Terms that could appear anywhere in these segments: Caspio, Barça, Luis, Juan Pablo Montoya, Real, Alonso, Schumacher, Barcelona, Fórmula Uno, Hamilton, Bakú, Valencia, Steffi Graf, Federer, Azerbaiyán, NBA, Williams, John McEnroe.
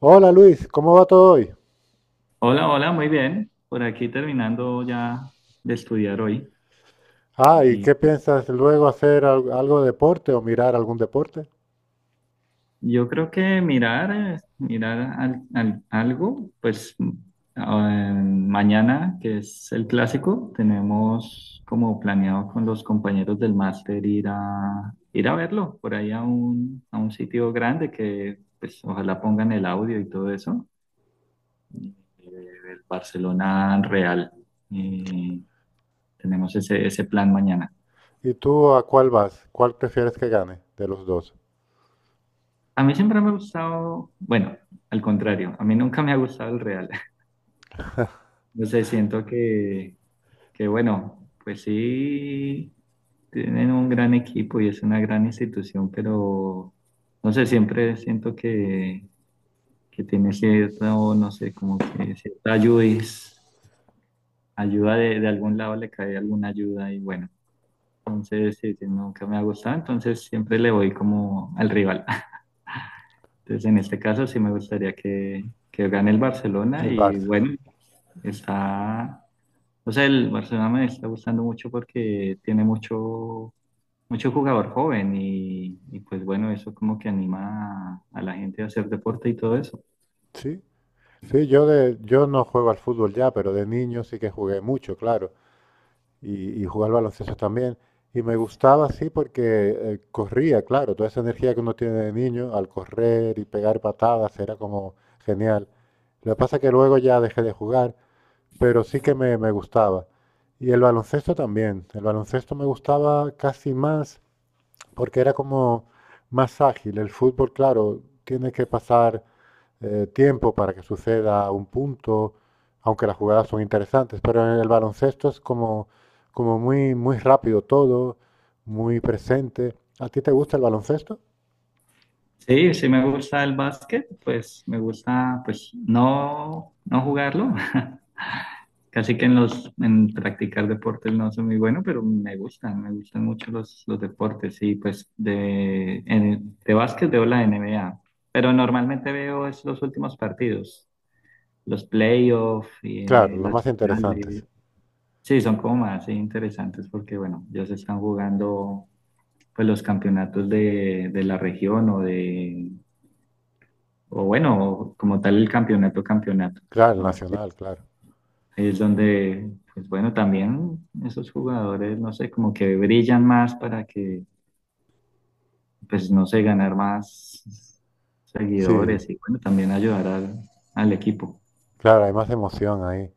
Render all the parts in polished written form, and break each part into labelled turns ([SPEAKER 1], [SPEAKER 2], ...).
[SPEAKER 1] Hola Luis, ¿cómo va todo hoy?
[SPEAKER 2] Hola, hola, muy bien. Por aquí terminando ya de estudiar hoy.
[SPEAKER 1] Ah, ¿y
[SPEAKER 2] Y
[SPEAKER 1] qué piensas luego hacer algo de deporte o mirar algún deporte?
[SPEAKER 2] yo creo que mirar, mirar algo, mañana, que es el clásico, tenemos como planeado con los compañeros del máster ir a verlo por ahí a a un sitio grande que pues ojalá pongan el audio y todo eso. eh, El Barcelona Real. Y tenemos ese plan mañana.
[SPEAKER 1] ¿Y tú a cuál vas? ¿Cuál prefieres que gane de los dos?
[SPEAKER 2] A mí siempre me ha gustado, bueno, al contrario, a mí nunca me ha gustado el real. No sé, que bueno, pues sí, tienen un gran equipo y es una gran institución, pero no sé, siempre siento que tiene cierto, no sé, como que cierta ayuda, ayuda de algún lado le cae alguna ayuda y bueno, entonces sí, sí, nunca me ha gustado, entonces siempre le voy como al rival. Entonces, en este caso sí me gustaría que gane el Barcelona
[SPEAKER 1] El
[SPEAKER 2] y
[SPEAKER 1] Barça.
[SPEAKER 2] bueno, está, o sea, el Barcelona me está gustando mucho porque tiene mucho, mucho jugador joven y pues bueno, eso como que anima a la gente a hacer deporte y todo eso.
[SPEAKER 1] Sí, sí, yo no juego al fútbol ya, pero de niño sí que jugué mucho, claro, y jugué al baloncesto también. Y me gustaba sí, porque corría, claro, toda esa energía que uno tiene de niño al correr y pegar patadas era como genial. Lo que pasa es que luego ya dejé de jugar, pero sí que me gustaba. Y el baloncesto también. El baloncesto me gustaba casi más porque era como más ágil. El fútbol, claro, tiene que pasar tiempo para que suceda un punto, aunque las jugadas son interesantes, pero en el baloncesto es como, como muy, muy rápido todo, muy presente. ¿A ti te gusta el baloncesto?
[SPEAKER 2] Sí, sí me gusta el básquet, pues me gusta pues no, no jugarlo. Casi que en los en practicar deportes no soy muy bueno, pero me gustan mucho los deportes. Y pues de básquet veo la NBA, pero normalmente veo es los últimos partidos, los playoffs y
[SPEAKER 1] Claro, los
[SPEAKER 2] las
[SPEAKER 1] más interesantes.
[SPEAKER 2] finales. Sí, son como más sí, interesantes porque bueno, ya se están jugando pues los campeonatos de la región o de o bueno, como tal el campeonato.
[SPEAKER 1] Claro, el
[SPEAKER 2] Entonces,
[SPEAKER 1] nacional, claro.
[SPEAKER 2] ahí es donde, pues bueno, también esos jugadores, no sé, como que brillan más para que, pues no sé, ganar más
[SPEAKER 1] Sí.
[SPEAKER 2] seguidores y bueno, también ayudar al equipo.
[SPEAKER 1] Claro, hay más emoción ahí.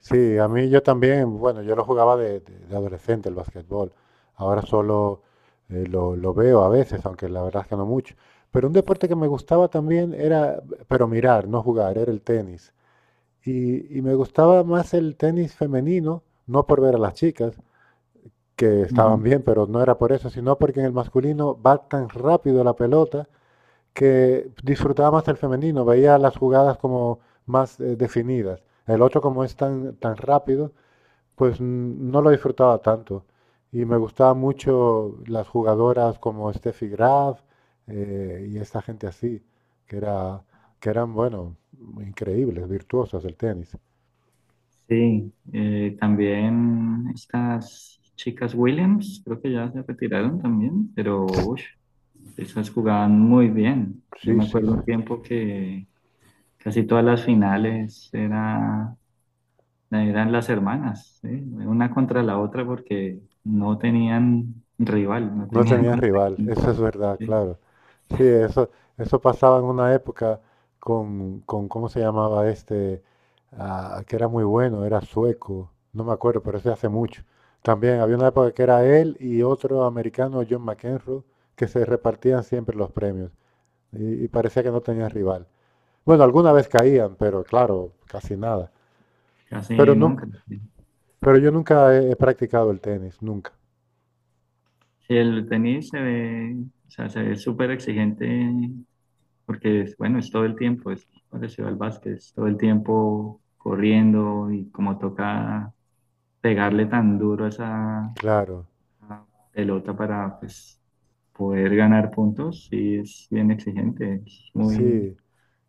[SPEAKER 1] Sí, a mí yo también, bueno, yo lo jugaba de adolescente el basquetbol. Ahora solo lo veo a veces, aunque la verdad es que no mucho. Pero un deporte que me gustaba también era, pero mirar, no jugar, era el tenis. Y me gustaba más el tenis femenino, no por ver a las chicas, que estaban
[SPEAKER 2] Ujú.
[SPEAKER 1] bien, pero no era por eso, sino porque en el masculino va tan rápido la pelota que disfrutaba más el femenino, veía las jugadas como más definidas. El otro, como es tan, tan rápido, pues no lo disfrutaba tanto. Y me gustaban mucho las jugadoras como Steffi Graf, y esta gente así, que era, que eran, bueno, increíbles, virtuosas del tenis.
[SPEAKER 2] Sí, también estas chicas Williams, creo que ya se retiraron también, pero ush, esas jugaban muy bien. Yo
[SPEAKER 1] Sí,
[SPEAKER 2] me
[SPEAKER 1] sí, sí.
[SPEAKER 2] acuerdo un tiempo que casi todas las finales era. Eran las hermanas, ¿sí? Una contra la otra porque no tenían rival, no
[SPEAKER 1] No
[SPEAKER 2] tenían
[SPEAKER 1] tenían
[SPEAKER 2] contra
[SPEAKER 1] rival,
[SPEAKER 2] quién,
[SPEAKER 1] eso es verdad,
[SPEAKER 2] ¿sí?
[SPEAKER 1] claro. Sí, eso pasaba en una época con ¿cómo se llamaba este? Ah, que era muy bueno, era sueco, no me acuerdo, pero ese hace mucho. También había una época que era él y otro americano, John McEnroe, que se repartían siempre los premios y parecía que no tenían rival. Bueno, alguna vez caían, pero claro, casi nada. Pero,
[SPEAKER 2] Casi
[SPEAKER 1] nu-
[SPEAKER 2] nunca. ¿Sí?
[SPEAKER 1] pero yo nunca he practicado el tenis, nunca.
[SPEAKER 2] Sí, el tenis se ve, o sea, se ve súper exigente porque, bueno, es todo el tiempo, es parecido al básquet, es todo el tiempo corriendo y como toca pegarle tan duro a esa
[SPEAKER 1] Claro,
[SPEAKER 2] a pelota para, pues, poder ganar puntos, sí es bien exigente, es muy...
[SPEAKER 1] sí.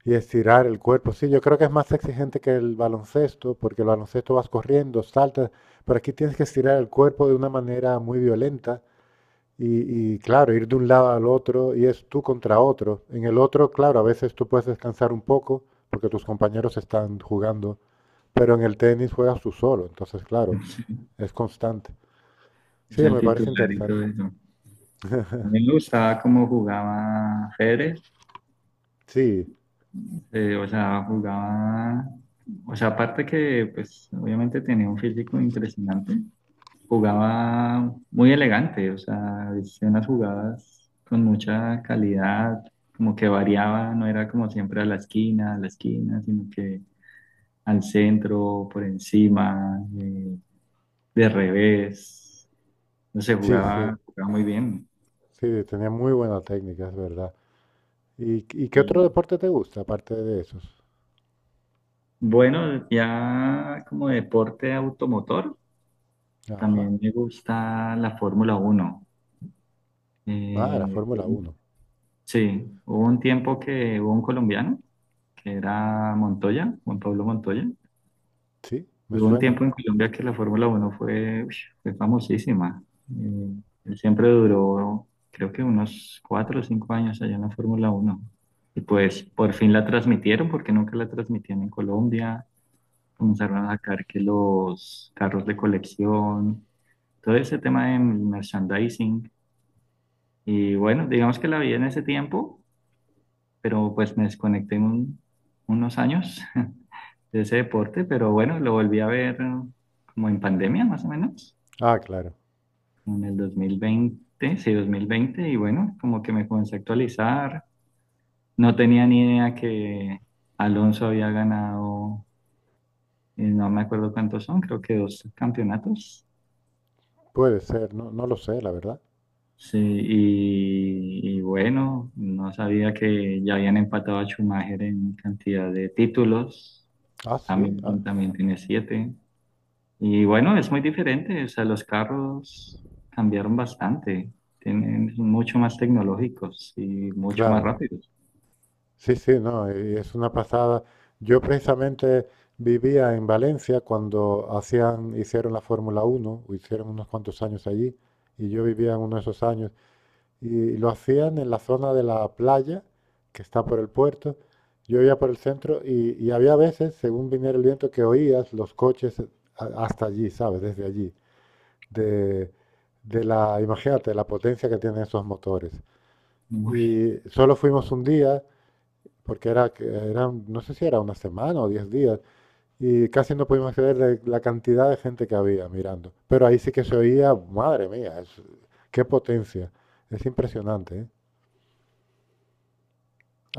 [SPEAKER 1] Y estirar el cuerpo. Sí, yo creo que es más exigente que el baloncesto, porque el baloncesto vas corriendo, saltas, pero aquí tienes que estirar el cuerpo de una manera muy violenta y, claro, ir de un lado al otro y es tú contra otro. En el otro, claro, a veces tú puedes descansar un poco porque tus compañeros están jugando, pero en el tenis juegas tú solo, entonces claro, es constante.
[SPEAKER 2] Es
[SPEAKER 1] Sí,
[SPEAKER 2] el
[SPEAKER 1] me parece
[SPEAKER 2] titular y
[SPEAKER 1] interesante.
[SPEAKER 2] todo eso. A mí me gustaba cómo jugaba Federer,
[SPEAKER 1] Sí,
[SPEAKER 2] jugaba, o sea, aparte que pues obviamente tenía un físico impresionante, jugaba muy elegante, o sea, hacía unas jugadas con mucha calidad, como que variaba, no era como siempre a la esquina, sino que al centro, por encima, de revés, no sé,
[SPEAKER 1] sí, sí,
[SPEAKER 2] jugaba muy bien.
[SPEAKER 1] sí, tenía muy buena técnica, es verdad. Y qué
[SPEAKER 2] Y
[SPEAKER 1] otro deporte te gusta aparte de esos?
[SPEAKER 2] bueno, ya como deporte automotor,
[SPEAKER 1] Ajá.
[SPEAKER 2] también me gusta la Fórmula Uno.
[SPEAKER 1] Ah, la
[SPEAKER 2] Eh,
[SPEAKER 1] Fórmula Uno.
[SPEAKER 2] sí, hubo un tiempo que hubo un colombiano, que era Montoya, Juan Pablo Montoya.
[SPEAKER 1] Sí, me
[SPEAKER 2] Y hubo un
[SPEAKER 1] suena.
[SPEAKER 2] tiempo en Colombia que la Fórmula Uno fue, uy, fue famosísima. Eh, Él siempre duró, creo que unos cuatro o cinco años allá en la Fórmula Uno. Y pues por fin la transmitieron, porque nunca la transmitían en Colombia. Comenzaron a sacar que los carros de colección, todo ese tema de merchandising. Y bueno, digamos que la vi en ese tiempo, pero pues me desconecté unos años de ese deporte, pero bueno, lo volví a ver como en pandemia más o menos,
[SPEAKER 1] Ah, claro.
[SPEAKER 2] en el 2020, sí, 2020, y bueno, como que me comencé a actualizar. No tenía ni idea que Alonso había ganado, no me acuerdo cuántos son, creo que dos campeonatos.
[SPEAKER 1] Puede ser, no, no lo sé, la verdad.
[SPEAKER 2] Sí, y bueno, no sabía que ya habían empatado a Schumacher en cantidad de títulos.
[SPEAKER 1] Ah, sí, ah,
[SPEAKER 2] Hamilton también tiene 7. Y bueno, es muy diferente, o sea, los carros cambiaron bastante. Tienen, son mucho más tecnológicos y mucho más
[SPEAKER 1] claro.
[SPEAKER 2] rápidos.
[SPEAKER 1] Sí, sí, no, y es una pasada. Yo precisamente vivía en Valencia cuando hacían, hicieron la Fórmula Uno, o hicieron unos cuantos años allí, y yo vivía en uno de esos años, y lo hacían en la zona de la playa, que está por el puerto. Yo iba por el centro y había veces, según viniera el viento, que oías los coches hasta allí, ¿sabes? Desde allí. de, Imagínate, la potencia que tienen esos motores.
[SPEAKER 2] Uy,
[SPEAKER 1] Y solo fuimos un día, porque era, que eran, no sé si era una semana o diez días, y casi no pudimos acceder de la cantidad de gente que había mirando. Pero ahí sí que se oía, madre mía, qué potencia. Es impresionante, ¿eh?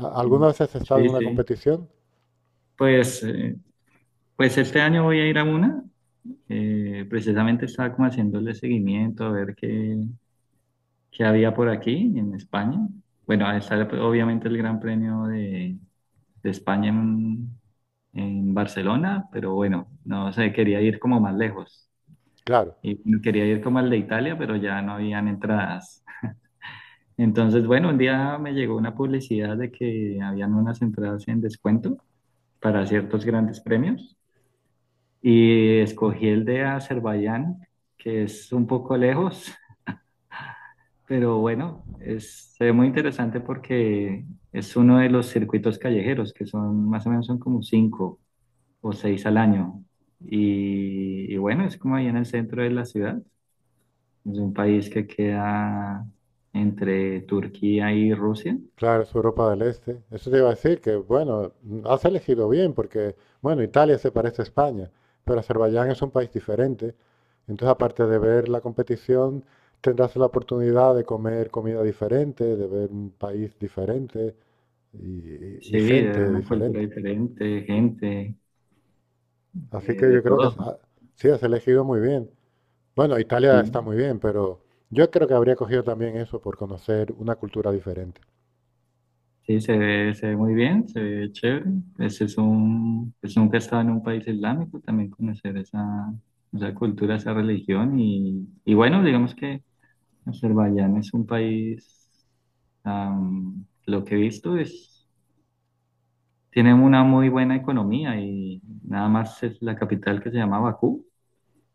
[SPEAKER 1] ¿Alguna vez has estado en
[SPEAKER 2] sí,
[SPEAKER 1] una
[SPEAKER 2] sí.
[SPEAKER 1] competición?
[SPEAKER 2] Pues, pues este año voy a ir a una. Precisamente estaba como haciéndole seguimiento a ver qué, que había por aquí en España. Bueno, ahí está obviamente el Gran Premio de España en Barcelona, pero bueno, no sé, quería ir como más lejos.
[SPEAKER 1] Claro.
[SPEAKER 2] Y quería ir como al de Italia, pero ya no habían entradas. Entonces, bueno, un día me llegó una publicidad de que habían unas entradas en descuento para ciertos grandes premios y escogí el de Azerbaiyán, que es un poco lejos. Pero bueno, es, se ve muy interesante porque es uno de los circuitos callejeros, que son más o menos son como 5 o seis al año. Y bueno, es como ahí en el centro de la ciudad. Es un país que queda entre Turquía y Rusia.
[SPEAKER 1] Claro, es Europa del Este. Eso te iba a decir que, bueno, has elegido bien porque, bueno, Italia se parece a España, pero Azerbaiyán es un país diferente. Entonces, aparte de ver la competición, tendrás la oportunidad de comer comida diferente, de ver un país diferente y,
[SPEAKER 2] Sí,
[SPEAKER 1] y
[SPEAKER 2] era
[SPEAKER 1] gente
[SPEAKER 2] una cultura
[SPEAKER 1] diferente.
[SPEAKER 2] diferente,
[SPEAKER 1] Que-
[SPEAKER 2] gente,
[SPEAKER 1] Así que
[SPEAKER 2] de
[SPEAKER 1] yo creo que
[SPEAKER 2] todo.
[SPEAKER 1] ah, sí, has elegido muy bien. Bueno, Italia
[SPEAKER 2] Sí.
[SPEAKER 1] está muy bien, pero yo creo que habría cogido también eso por conocer una cultura diferente.
[SPEAKER 2] Sí, se ve muy bien, se ve chévere. Pues es un, pues nunca he estado en un país islámico, también conocer esa, esa cultura, esa religión. Y bueno, digamos que Azerbaiyán es un país, am, lo que he visto es, tiene una muy buena economía y nada más es la capital que se llama Bakú.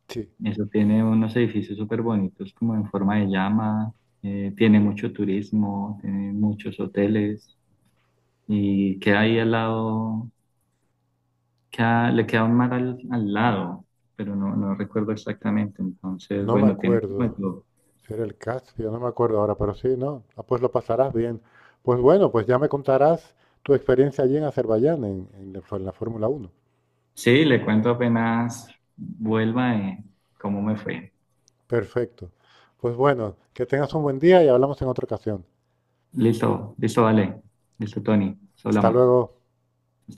[SPEAKER 1] Sí,
[SPEAKER 2] Eso tiene unos edificios súper bonitos como en forma de llama, tiene mucho turismo, tiene muchos hoteles y queda ahí al lado. Queda- le queda un mar al lado, pero no, no recuerdo exactamente. Entonces,
[SPEAKER 1] no me
[SPEAKER 2] bueno, tiene
[SPEAKER 1] acuerdo.
[SPEAKER 2] como todo.
[SPEAKER 1] Si era el Caspio, no me acuerdo ahora, pero sí, ¿no? Ah, pues lo pasarás bien. Pues bueno, pues ya me contarás tu experiencia allí en Azerbaiyán, en la Fórmula Uno.
[SPEAKER 2] Sí, le cuento apenas vuelva cómo me fue.
[SPEAKER 1] Perfecto. Pues bueno, que tengas un buen día y hablamos en otra ocasión.
[SPEAKER 2] Listo, listo, vale. Listo, Tony.
[SPEAKER 1] Hasta
[SPEAKER 2] Hablamos.
[SPEAKER 1] luego.